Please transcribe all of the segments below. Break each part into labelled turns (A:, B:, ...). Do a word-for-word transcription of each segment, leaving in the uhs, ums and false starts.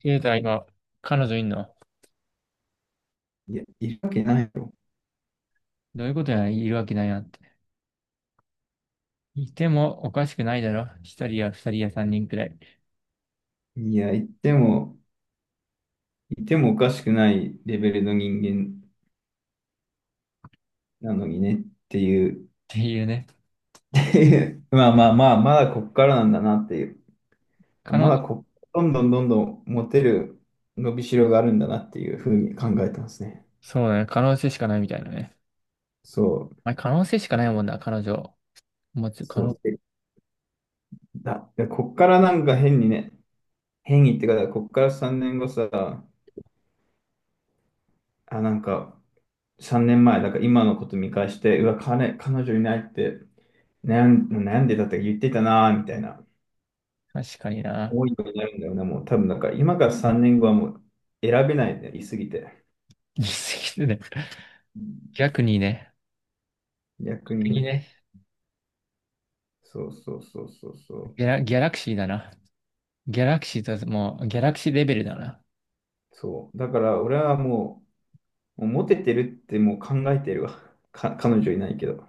A: ケイタ今、彼女いんの？
B: いや、いるわけないよ。
A: どういうことや、いるわけないなって。いてもおかしくないだろ。一人や二人や三人くらい、っ
B: いや、いても、いてもおかしくないレベルの人間なのにねっていう、
A: ていうね。
B: っていうまあまあまあ、まだこっからなんだなっていう、
A: 可
B: ま
A: 能、
B: だこ、どんどんどんどんモテる伸びしろがあるんだなっていうふうに考えてますね。
A: そうだね。可能性しかないみたいなね。
B: そう、
A: まあ、可能性しかないもんな、彼女。持つ可
B: そ
A: 能、
B: う。でだ、でこっからなんか変にね、変にってか、こっからさんねんごさ、あ、なんか、さんねんまえ、だから今のこと見返して、うわ、彼、彼女いないって悩ん、悩んでたって言ってたなーみたいな
A: 確かにな。
B: 思いになるんだよね。もう多分、だから今からさんねんごはもう選べないね、いすぎて。
A: 言い過ぎてね。
B: うん。
A: 逆にね。
B: 逆
A: 逆に
B: に、
A: ね。
B: そうそうそうそうそう。
A: ギャラ、ギャラクシーだな。ギャラクシーと、もう、ギャラクシーレベルだな。
B: そう。だから俺はもう、もうモテてるってもう考えてるわ。か、彼女いないけど。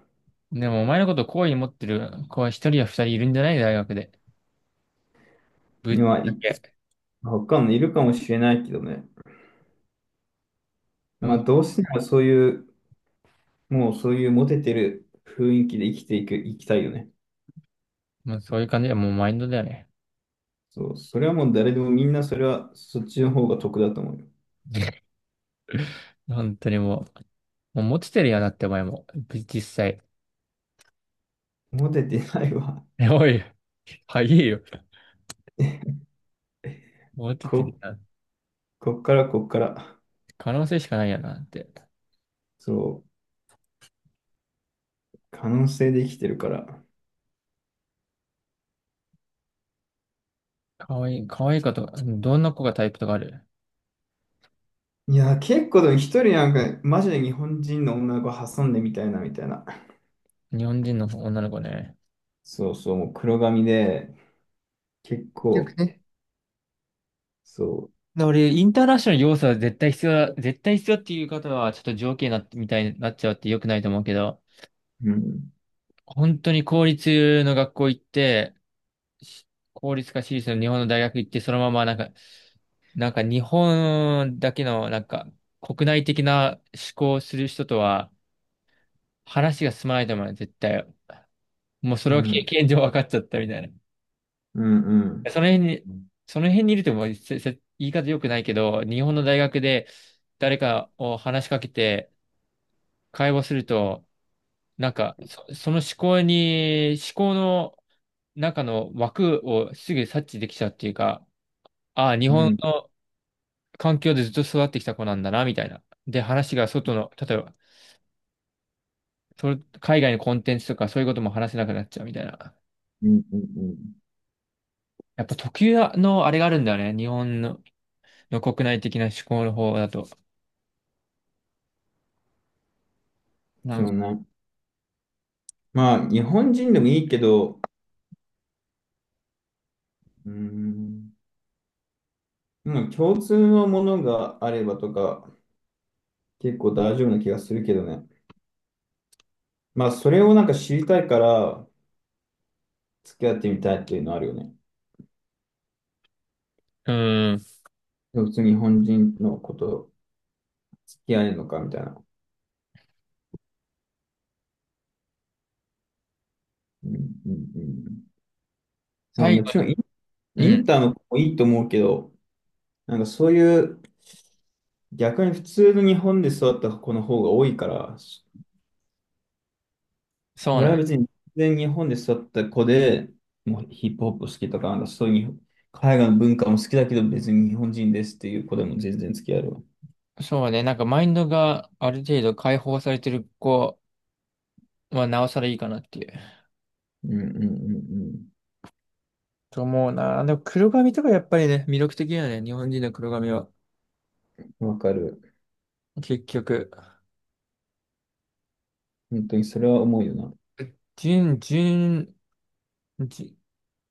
A: でも、お前のこと好意に持ってる子は一人や二人いるんじゃない？大学で。ぶっ
B: には
A: ちゃ
B: い、
A: け。
B: 他のいるかもしれないけどね。
A: そ
B: ま
A: う、
B: あどうせならそういう、もうそういうモテてる雰囲気で生きていく、生きたいよね。
A: もうそういう感じで、もうマインドだよね。
B: そう、それはもう誰でもみんなそれはそっちの方が得だと思うよ。
A: 本当にもう、もうモテてるやなってお前も、び実際。
B: モテてないわ。
A: え、おい、はいいよ。モテてる
B: こ、
A: やん。
B: こっからこっから。
A: 可能性しかないやなって。
B: そう、可能性で生きてるから。
A: 可愛い、可愛い子とか、どんな子がタイプとかある？
B: いや、結構でも一人なんか、マジで日本人の女の子挟んでみたいな、みたいな。
A: 日本人の女の子ね。
B: そうそう、もう黒髪で、結
A: 結局
B: 構、
A: ね。
B: そ
A: だ俺、インターナショナル要素は絶対必要だ、絶対必要っていう方は、ちょっと条件になってみたいになっちゃうって良くないと思うけど、
B: う、うん、
A: 本当に公立の学校行って、し公立か私立の日本の大学行って、そのままなんか、なんか日本だけのなんか国内的な思考をする人とは話が進まないと思うよ、絶対。もうそ
B: う
A: れは経
B: ん、
A: 験上分かっちゃったみたいな。
B: うん、うん、
A: その辺に、その辺にいると、もうせせ言い方良くないけど、日本の大学で誰かを話しかけて会話すると、なんかそ、その思考に、思考の中の枠をすぐ察知できちゃうっていうか、ああ、日
B: う
A: 本
B: ん、
A: の環境でずっと育ってきた子なんだな、みたいな。で、話が外の、例えば、それ海外のコンテンツとかそういうことも話せなくなっちゃうみたいな。
B: うん、うん、うん。
A: やっぱ特有のあれがあるんだよね。日本の、の国内的な思考の方だと。な
B: そ
A: ん
B: うね。まあ、日本人でもいいけど、うん、まあ共通のものがあればとか、結構大丈夫な気がするけどね。まあ、それをなんか知りたいから、付き合ってみたいっていうのあるよね。
A: うん。
B: 普通に日本人のこと、付き合えるのかみたいな。うんうんうん。まあ、
A: 最
B: も
A: 後に、
B: ちろんイン、
A: う
B: イ
A: ん。
B: ンターの子もいいと思うけど、なんかそういう、逆に普通の日本で育った子の方が多いから、
A: そう
B: 俺は
A: ね。
B: 別に全然日本で育った子で、もうヒップホップ好きとか、なんかそういう海外の文化も好きだけど、別に日本人ですっていう子でも全然付き合えるわ。
A: そうね。なんかマインドがある程度解放されてる子はなおさらいいかなっていう
B: うんうんうんうん。
A: と思うな。でも黒髪とかやっぱりね、魅力的だよね。日本人の黒髪は。
B: わかる。
A: 結局。
B: 本当にそれは思うよな。
A: 純、純ジ、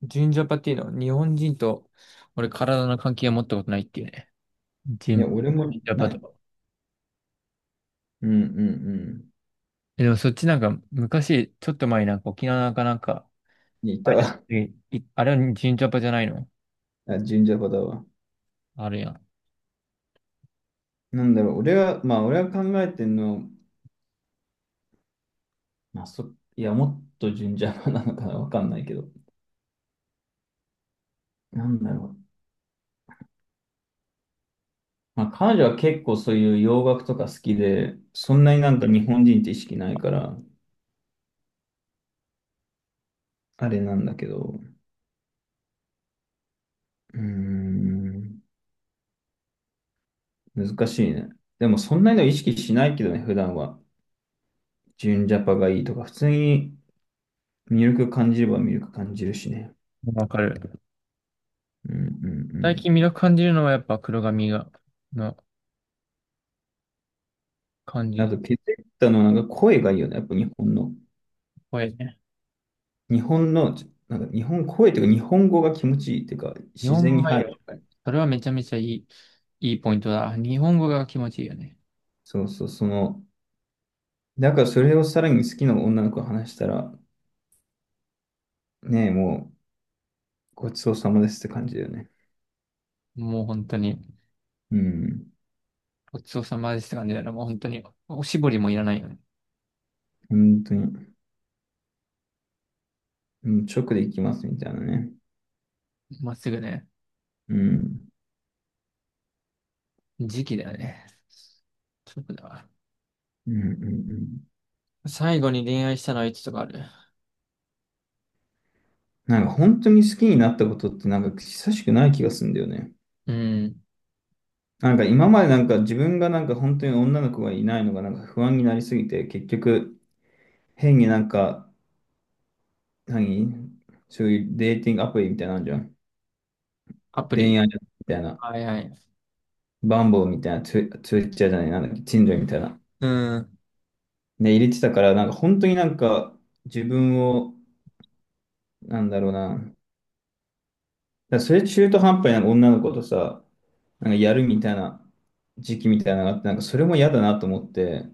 A: ジンジャパっていうのは日本人と俺体の関係を持ったことないっていうね。ジ
B: い
A: ン、
B: や、俺も
A: ジンジャパ
B: ない、
A: と。
B: うんうん
A: え、でもそっちなんか昔、ちょっと前になんか沖縄かなんか、
B: うん。いやい
A: あ
B: たわ。
A: れ
B: あ、
A: だいあれはジンジャパじゃないの？
B: 神社派だわ。
A: あるや
B: なんだろう、俺は、まあ俺は考えてんの、まあそ、いや、もっと神社派なのかな、わかんないけど。なんだろう。まあ彼女は結構そういう洋楽とか好きで、そんなになんか日本人って意識ないから、あれなんだけど、うーん、難しいね。でもそんなの意識しないけどね、普段は。純ジャパがいいとか、普通に魅力感じれば魅力感じるしね。
A: ん。わかる。
B: うんう
A: 最近
B: ん
A: 魅力感じるのはやっぱ黒髪が、の感
B: うん。あ
A: じ。
B: と、ケテッタのはなんか声がいいよね。やっぱ日本の。
A: これね。
B: 日本の、ちょなんか日本声というか日本語が気持ちいいというか、
A: 日
B: 自
A: 本
B: 然
A: 語
B: に
A: がいい
B: 入
A: よ。
B: る。
A: それはめちゃめちゃいい、いいポイントだ。日本語が気持ちいいよね。
B: そうそう、その、だからそれをさらに好きな女の子と話したら、ねえ、もうごちそうさまですって感じだよね。
A: もう本当に、
B: うん。
A: ごちそうさまですって感じだよね。もう本当に、おしぼりもいらないよね。
B: 本当に。もう直で行きますみたいなね。
A: まっすぐね。
B: うん。
A: 時期だよね。そうだわ。
B: うんうんうん。
A: 最後に恋愛したのはいつとかある？
B: なんか本当に好きになったことってなんか久しくない気がするんだよね。
A: うん。
B: なんか今までなんか自分がなんか本当に女の子がいないのがなんか不安になりすぎて、結局変になんか、何そういうデーティングアプリみたいなのあんじゃん。
A: アプ
B: 恋
A: リ。
B: 愛みたいな。
A: はいはい。
B: バンボーみたいな、ツイツイッチャーじゃない、なんだっけ、チンジョイみたいな。
A: うん。
B: ね、入れてたから、なんか本当になんか自分を、なんだろうな。だからそれ中途半端になんか女の子とさ、なんかやるみたいな時期みたいなのがあって、なんかそれも嫌だなと思って、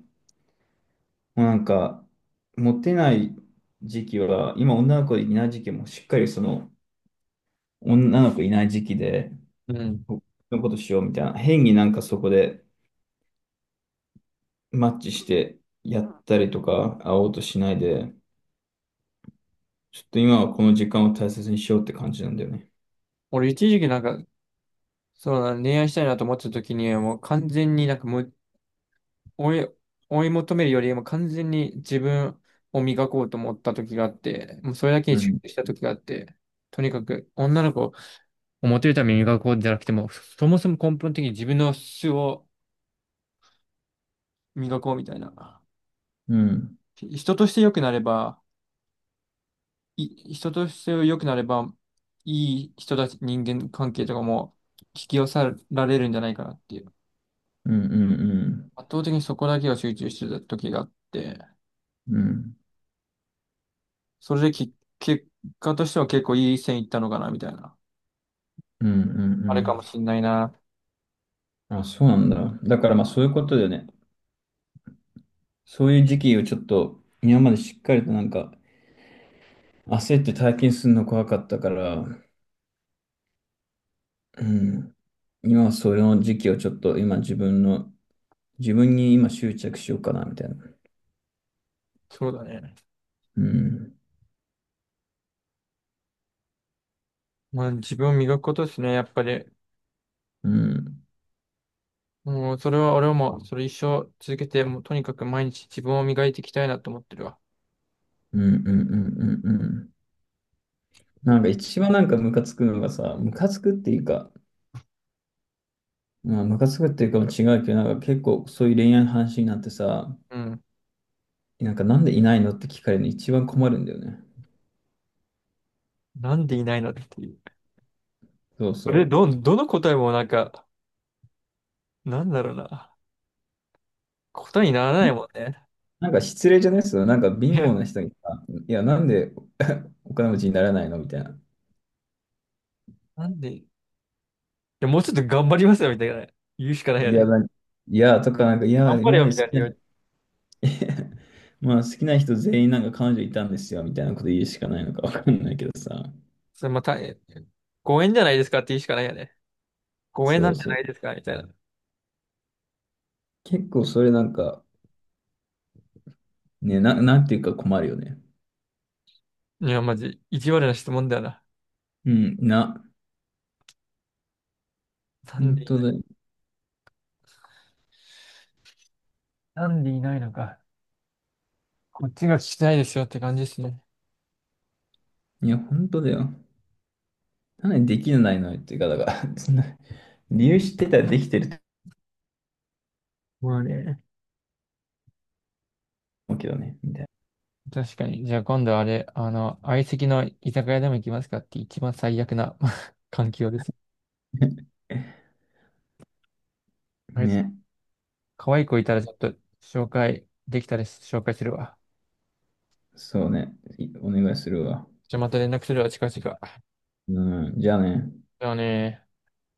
B: もうなんか、モテない時期は、今女の子いない時期もしっかりその、女の子いない時期で、
A: うん。
B: このことしようみたいな、変になんかそこでマッチしてやったりとか、会おうとしないで、ちょっと今はこの時間を大切にしようって感じなんだよね。
A: 俺一時期なんか、そうだ、恋愛したいなと思ってた時にはもう完全になんかもう追い、追い求めるよりも完全に自分を磨こうと思った時があって、もうそれだけ
B: う
A: に集
B: ん、
A: 中した時があって、とにかく女の子をモテるために磨こうじゃなくても、そもそも根本的に自分の素を磨こうみたいな。
B: うん、
A: 人として良くなれば、い、人として良くなれば、いい人たち、人間関係とかも引き寄せられるんじゃないかなっていう。
B: うん、うん、
A: 圧倒的にそこだけが集中してた時があって、
B: うん、うん、
A: それでき、結果としては結構いい線いったのかな、みたいな。
B: うん、うん
A: あ
B: う
A: れかも
B: ん。
A: しんないな。
B: あ、そうなんだ。だからまあそういうことだよね。そういう時期をちょっと、今までしっかりとなんか、焦って体験するの怖かったから、うん。今はその時期をちょっと今自分の、自分に今執着しようかなみたいな。
A: そうだね。
B: うん。
A: まあ自分を磨くことですね、やっぱり。
B: うん。
A: もうそれは俺はもうそれ一生続けて、もうとにかく毎日自分を磨いていきたいなと思ってるわ。
B: うんうんうんうんうん。なんか一番なんかムカつくのがさ、ムカつくっていうか、まあムカつくっていうかも違うけど、なんか結構そういう恋愛の話になってさ、
A: うん。
B: なんかなんでいないのって聞かれるの一番困るんだよね。
A: なんでいないのっていう。
B: そう
A: そ
B: そ
A: れど
B: う。
A: どの答えもなんか、なんだろうな。ことにならないもんね。
B: なんか失礼じゃないっすよ。なんか
A: い
B: 貧
A: や
B: 乏な人にさ、いや、なんで お金持ちにならないのみたいな。
A: なんで、いや、もうちょっと頑張りますよ、みたいな。言うしかない
B: い
A: よ
B: や、
A: ね。
B: なんいや、とか、なんか、いや、
A: 頑張れ
B: 今ま
A: よ、
B: で
A: みたい
B: 好
A: な
B: きな
A: 言う。
B: えまあ好きな人全員なんか彼女いたんですよみたいなこと言うしかないのかわかんないけどさ。
A: それまた、えご縁じゃないですかって言うしかないよね。ご縁
B: そ
A: な
B: う
A: んて
B: そ
A: な
B: う。
A: いですかみたいな。
B: 結構それなんか、ね、な、なんていうか困るよね。
A: いや、マジ、意地悪な質問だよな。
B: うん、な、
A: なん
B: 本
A: でい
B: 当
A: ない。
B: だ。
A: なんでいないのか。こっちが聞きたいですよって感じですね。
B: いや、本当だよ。なのにできないのよっていうか、だから、そんな、理由知ってたらできてると
A: まあね。
B: 思うけどね、みたい
A: 確かに。じゃあ今度あれ、あの、相席の居酒屋でも行きますかって一番最悪な 環境です。
B: な。
A: あれ、
B: ね、
A: 可愛い子いたらちょっと紹介できたら紹介するわ。
B: そうね、いお願いするわ。
A: じゃあまた連絡するわ、近々。
B: うん、じゃあね。
A: じゃあね。